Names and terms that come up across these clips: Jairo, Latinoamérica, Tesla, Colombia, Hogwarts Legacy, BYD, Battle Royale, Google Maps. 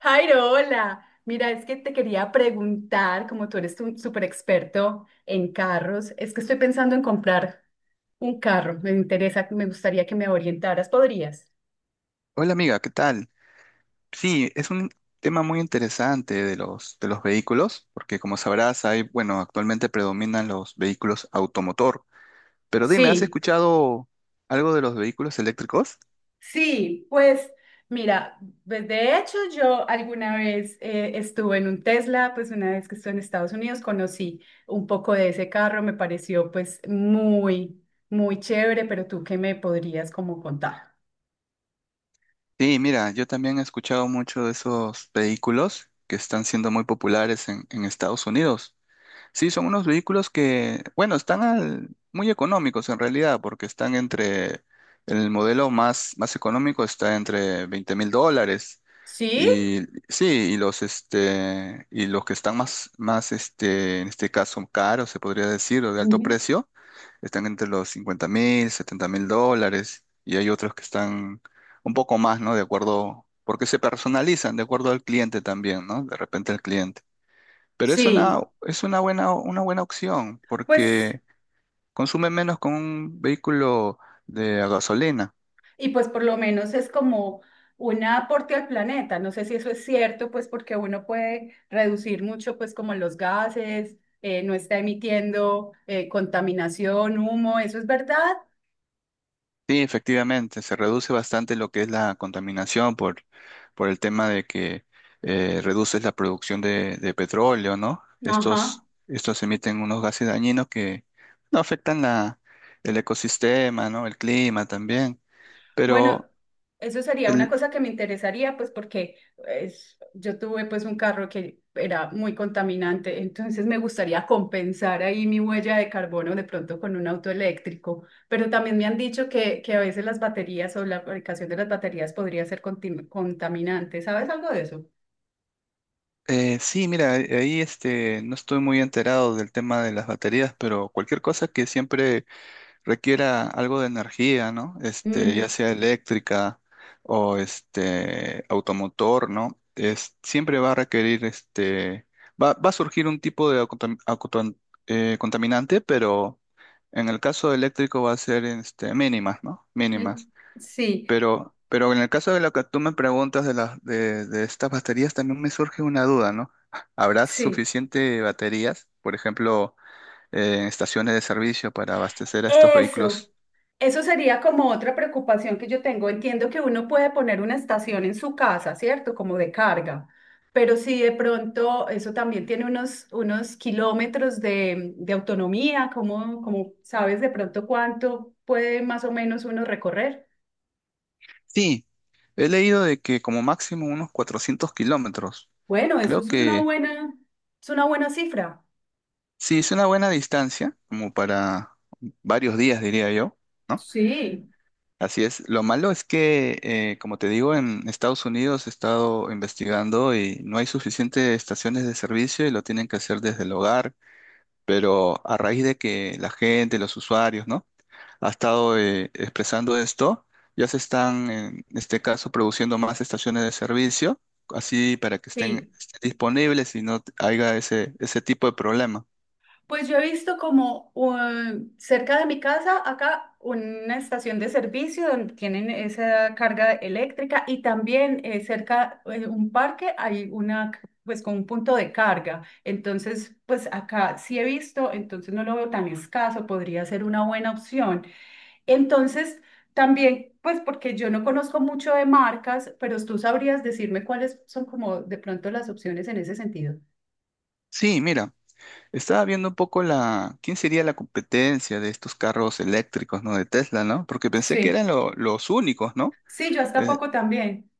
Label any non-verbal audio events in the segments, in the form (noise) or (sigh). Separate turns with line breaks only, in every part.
Jairo, hola. Mira, es que te quería preguntar, como tú eres un súper experto en carros, es que estoy pensando en comprar un carro. Me interesa, me gustaría que me orientaras. ¿Podrías?
Hola amiga, ¿qué tal? Sí, es un tema muy interesante de los vehículos, porque como sabrás, hay, bueno, actualmente predominan los vehículos automotor. Pero dime, ¿has
Sí.
escuchado algo de los vehículos eléctricos?
Sí, pues mira, pues, de hecho yo alguna vez estuve en un Tesla, pues una vez que estuve en Estados Unidos conocí un poco de ese carro, me pareció pues muy, muy chévere, pero tú qué me podrías como contar.
Sí, mira, yo también he escuchado mucho de esos vehículos que están siendo muy populares en Estados Unidos. Sí, son unos vehículos que, bueno, están muy económicos en realidad, porque el modelo más económico está entre $20,000.
¿Sí?
Y sí, y los que están más en este caso caros, se podría decir, o de alto
Ujú.
precio, están entre los 50,000, $70,000, y hay otros que están un poco más, ¿no? De acuerdo, porque se personalizan de acuerdo al cliente también, ¿no? De repente al cliente. Pero es una
Sí,
es una buena una buena opción
pues.
porque consume menos con un vehículo de a gasolina.
Y pues por lo menos es como un aporte al planeta. No sé si eso es cierto, pues porque uno puede reducir mucho, pues como los gases, no está emitiendo contaminación, humo, ¿eso es verdad?
Sí, efectivamente, se reduce bastante lo que es la contaminación por el tema de que reduces la producción de petróleo, ¿no?
Ajá.
Estos emiten unos gases dañinos que no afectan la, el ecosistema, ¿no? El clima también.
Bueno,
Pero
eso sería una
el,
cosa que me interesaría, pues porque yo tuve pues un carro que era muy contaminante, entonces me gustaría compensar ahí mi huella de carbono de pronto con un auto eléctrico, pero también me han dicho que a veces las baterías o la fabricación de las baterías podría ser contaminante. ¿Sabes algo de eso?
sí, mira, ahí este, no estoy muy enterado del tema de las baterías, pero cualquier cosa que siempre requiera algo de energía, ¿no? Este, ya
Mm,
sea eléctrica o este automotor, ¿no? Siempre va a requerir este, va a surgir un tipo de contaminante, pero en el caso eléctrico va a ser este, mínimas, ¿no? Mínimas.
mm, sí,
Pero en el caso de lo que tú me preguntas de estas baterías, también me surge una duda, ¿no? ¿Habrá
sí.
suficiente baterías? Por ejemplo, en estaciones de servicio para abastecer a estos
Eso.
vehículos.
Eso sería como otra preocupación que yo tengo. Entiendo que uno puede poner una estación en su casa, ¿cierto? Como de carga, pero si de pronto eso también tiene unos kilómetros de autonomía, ¿cómo sabes de pronto cuánto puede más o menos uno recorrer?
Sí, he leído de que como máximo unos 400 kilómetros.
Bueno, eso
Creo que
es una buena cifra.
sí, es una buena distancia, como para varios días, diría yo, ¿no?
Sí,
Así es. Lo malo es que, como te digo, en Estados Unidos he estado investigando y no hay suficientes estaciones de servicio y lo tienen que hacer desde el hogar, pero a raíz de que la gente, los usuarios, ¿no? ha estado expresando esto. Ya se están, en este caso, produciendo más estaciones de servicio, así para que estén,
sí.
estén disponibles y no haya ese tipo de problema.
Pues yo he visto como cerca de mi casa, acá, una estación de servicio donde tienen esa carga eléctrica y también cerca de un parque hay una, pues con un punto de carga. Entonces, pues acá sí he visto, entonces no lo veo tan escaso, podría ser una buena opción. Entonces, también, pues porque yo no conozco mucho de marcas, pero tú sabrías decirme cuáles son como de pronto las opciones en ese sentido.
Sí, mira, estaba viendo un poco quién sería la competencia de estos carros eléctricos, ¿no? De Tesla, ¿no? Porque pensé que eran
Sí,
los únicos, ¿no?
sí, yo hasta
Eh,
poco también.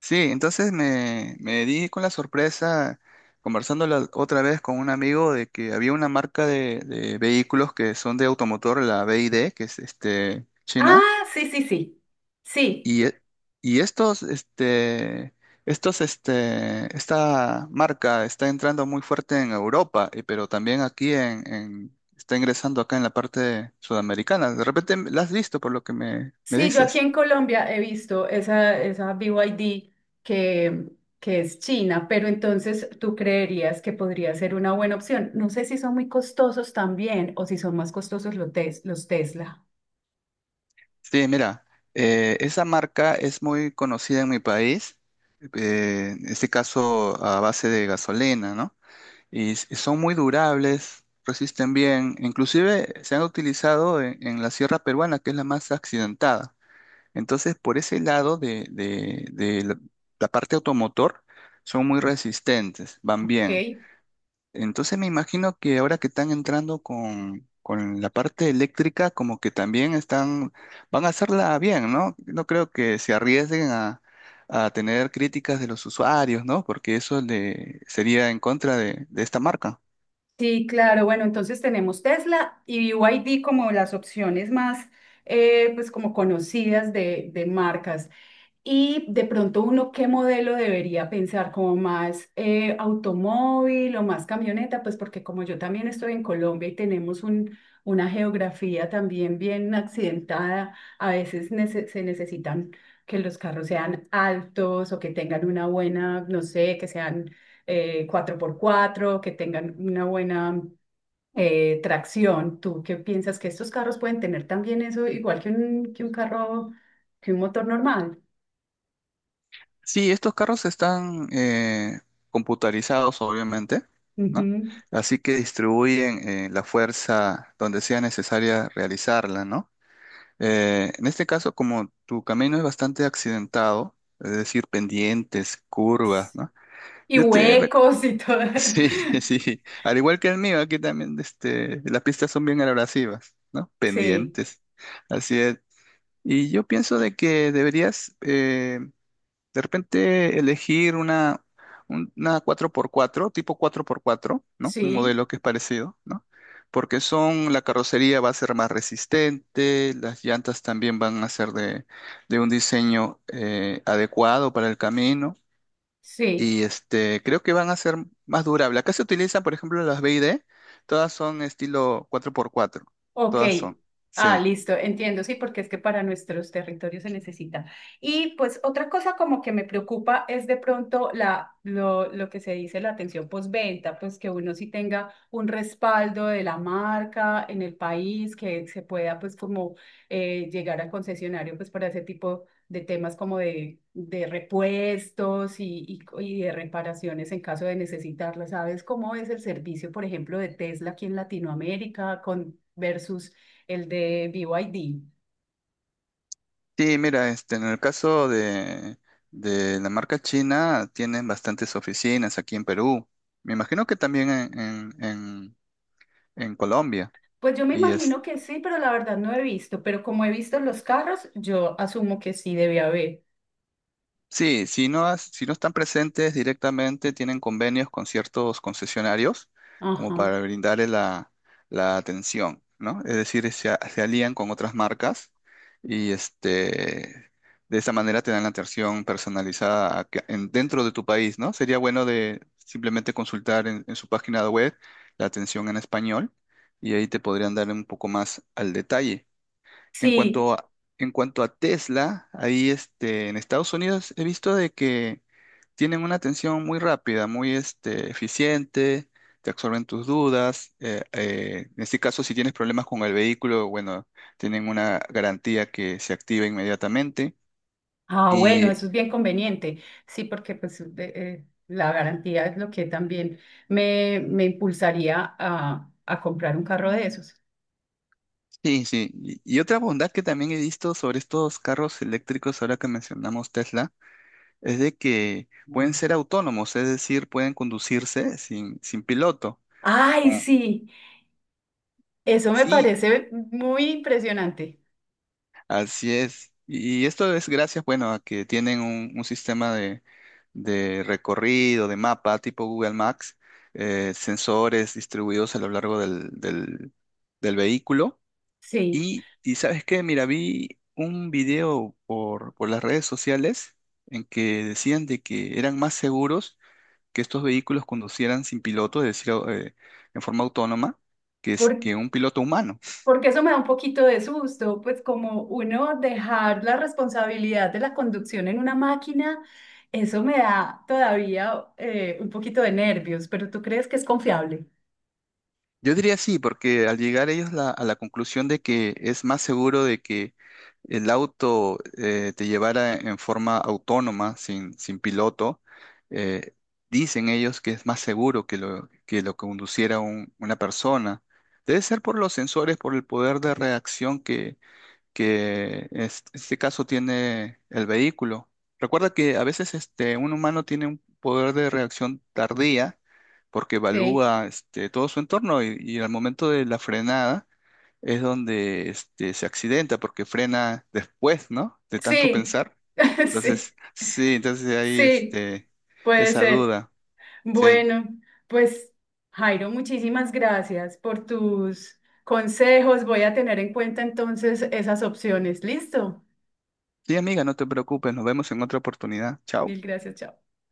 sí, entonces me di con la sorpresa conversando la otra vez con un amigo de que había una marca de vehículos que son de automotor, la BYD, que es este, China,
Ah, sí, sí, sí. Sí,
y, e- y esta marca está entrando muy fuerte en Europa, pero también aquí está ingresando acá en la parte sudamericana. De repente la has visto por lo que me
sí, yo aquí
dices.
en Colombia he visto esa BYD que, que es China, pero entonces tú creerías que podría ser una buena opción. No sé si son muy costosos también o si son más costosos los Tesla.
Sí, mira, esa marca es muy conocida en mi país, en este caso a base de gasolina, ¿no? Y son muy durables, resisten bien, inclusive se han utilizado en la sierra peruana, que es la más accidentada. Entonces, por ese lado de la parte automotor, son muy resistentes, van
Ok.
bien. Entonces me imagino que ahora que están entrando con la parte eléctrica, como que también van a hacerla bien, ¿no? No creo que se arriesguen a tener críticas de los usuarios, ¿no? Porque eso le sería en contra de esta marca.
Sí, claro. Bueno, entonces tenemos Tesla y BYD como las opciones más, pues como conocidas de marcas. Y de pronto uno, ¿qué modelo debería pensar? ¿Como más automóvil o más camioneta? Pues porque como yo también estoy en Colombia y tenemos una geografía también bien accidentada, a veces se necesitan que los carros sean altos o que tengan una buena, no sé, que sean 4x4, que tengan una buena tracción. ¿Tú qué piensas que estos carros pueden tener también eso igual que un carro, que un motor normal?
Sí, estos carros están computarizados, obviamente, ¿no?
Ujú.
Así que distribuyen la fuerza donde sea necesaria realizarla, ¿no? En este caso, como tu camino es bastante accidentado, es decir, pendientes, curvas, ¿no?
Y
Yo te reco-
huecos y todo. (laughs)
(laughs) Sí, sí. Al igual que el mío, aquí también este, las pistas son bien abrasivas, ¿no?
Sí,
Pendientes. Así es. Y yo pienso de que deberías de repente elegir una cuatro por cuatro tipo cuatro por cuatro, no. Un
sí,
modelo que es parecido, ¿no? Porque la carrocería va a ser más resistente, las llantas también van a ser de un diseño adecuado para el camino
sí.
y este, creo que van a ser más durables. Acá se utilizan, por ejemplo, las BID, todas son estilo cuatro por cuatro,
Ok.
todas son,
Ah,
sí.
listo, entiendo, sí, porque es que para nuestros territorios se necesita. Y pues otra cosa como que me preocupa es de pronto lo que se dice la atención postventa, pues que uno sí tenga un respaldo de la marca en el país, que se pueda pues como llegar al concesionario pues para ese tipo de temas como de repuestos y de reparaciones en caso de necesitarlas. ¿Sabes cómo es el servicio, por ejemplo, de Tesla aquí en Latinoamérica versus el de B Y D?
Sí, mira, este, en el caso de la marca china, tienen bastantes oficinas aquí en Perú. Me imagino que también en Colombia.
Pues yo me
Y
imagino que sí, pero la verdad no he visto. Pero como he visto los carros, yo asumo que sí debe haber.
sí, si no, si no están presentes directamente, tienen convenios con ciertos concesionarios
Ajá.
como para brindarle la atención, ¿no? Es decir, se alían con otras marcas y este, de esa manera te dan la atención personalizada dentro de tu país, ¿no? Sería bueno de simplemente consultar en su página web la atención en español y ahí te podrían dar un poco más al detalle. En
Sí.
cuanto a, en cuanto a Tesla, ahí este, en Estados Unidos he visto de que tienen una atención muy rápida, muy este, eficiente, te absorben tus dudas. En este caso, si tienes problemas con el vehículo, bueno, tienen una garantía que se activa inmediatamente.
Ah,
Y
bueno, eso es bien conveniente. Sí, porque pues la garantía es lo que también me impulsaría a comprar un carro de esos.
sí, sí. Y otra bondad que también he visto sobre estos carros eléctricos, ahora que mencionamos Tesla, es de que pueden ser autónomos, es decir, pueden conducirse sin piloto.
Ay, sí, eso me
Sí,
parece muy impresionante.
así es. Y esto es gracias, bueno, a que tienen un sistema de recorrido, de mapa tipo Google Maps, sensores distribuidos a lo largo del vehículo.
Sí,
Y ¿sabes qué? Mira, vi un video por las redes sociales en que decían de que eran más seguros que estos vehículos conducieran sin piloto, es decir, en forma autónoma, que, es-
por-
que un piloto humano.
porque eso me da un poquito de susto, pues como uno dejar la responsabilidad de la conducción en una máquina, eso me da todavía un poquito de nervios, pero ¿tú crees que es confiable?
Yo diría sí, porque al llegar ellos a la conclusión de que es más seguro de que el auto te llevara en forma autónoma, sin piloto, eh, dicen ellos que es más seguro que lo conduciera una persona. Debe ser por los sensores, por el poder de reacción que este caso tiene el vehículo. Recuerda que a veces este, un humano tiene un poder de reacción tardía porque
Sí,
evalúa este, todo su entorno y al momento de la frenada es donde este, se accidenta porque frena después, ¿no? De tanto
sí,
pensar.
(laughs) sí,
Entonces, sí, entonces ahí
sí,
este,
puede
esa
ser.
duda, sí.
Bueno, pues Jairo, muchísimas gracias por tus consejos. Voy a tener en cuenta entonces esas opciones. Listo.
Sí, amiga, no te preocupes, nos vemos en otra oportunidad. Chao.
Mil gracias, chao.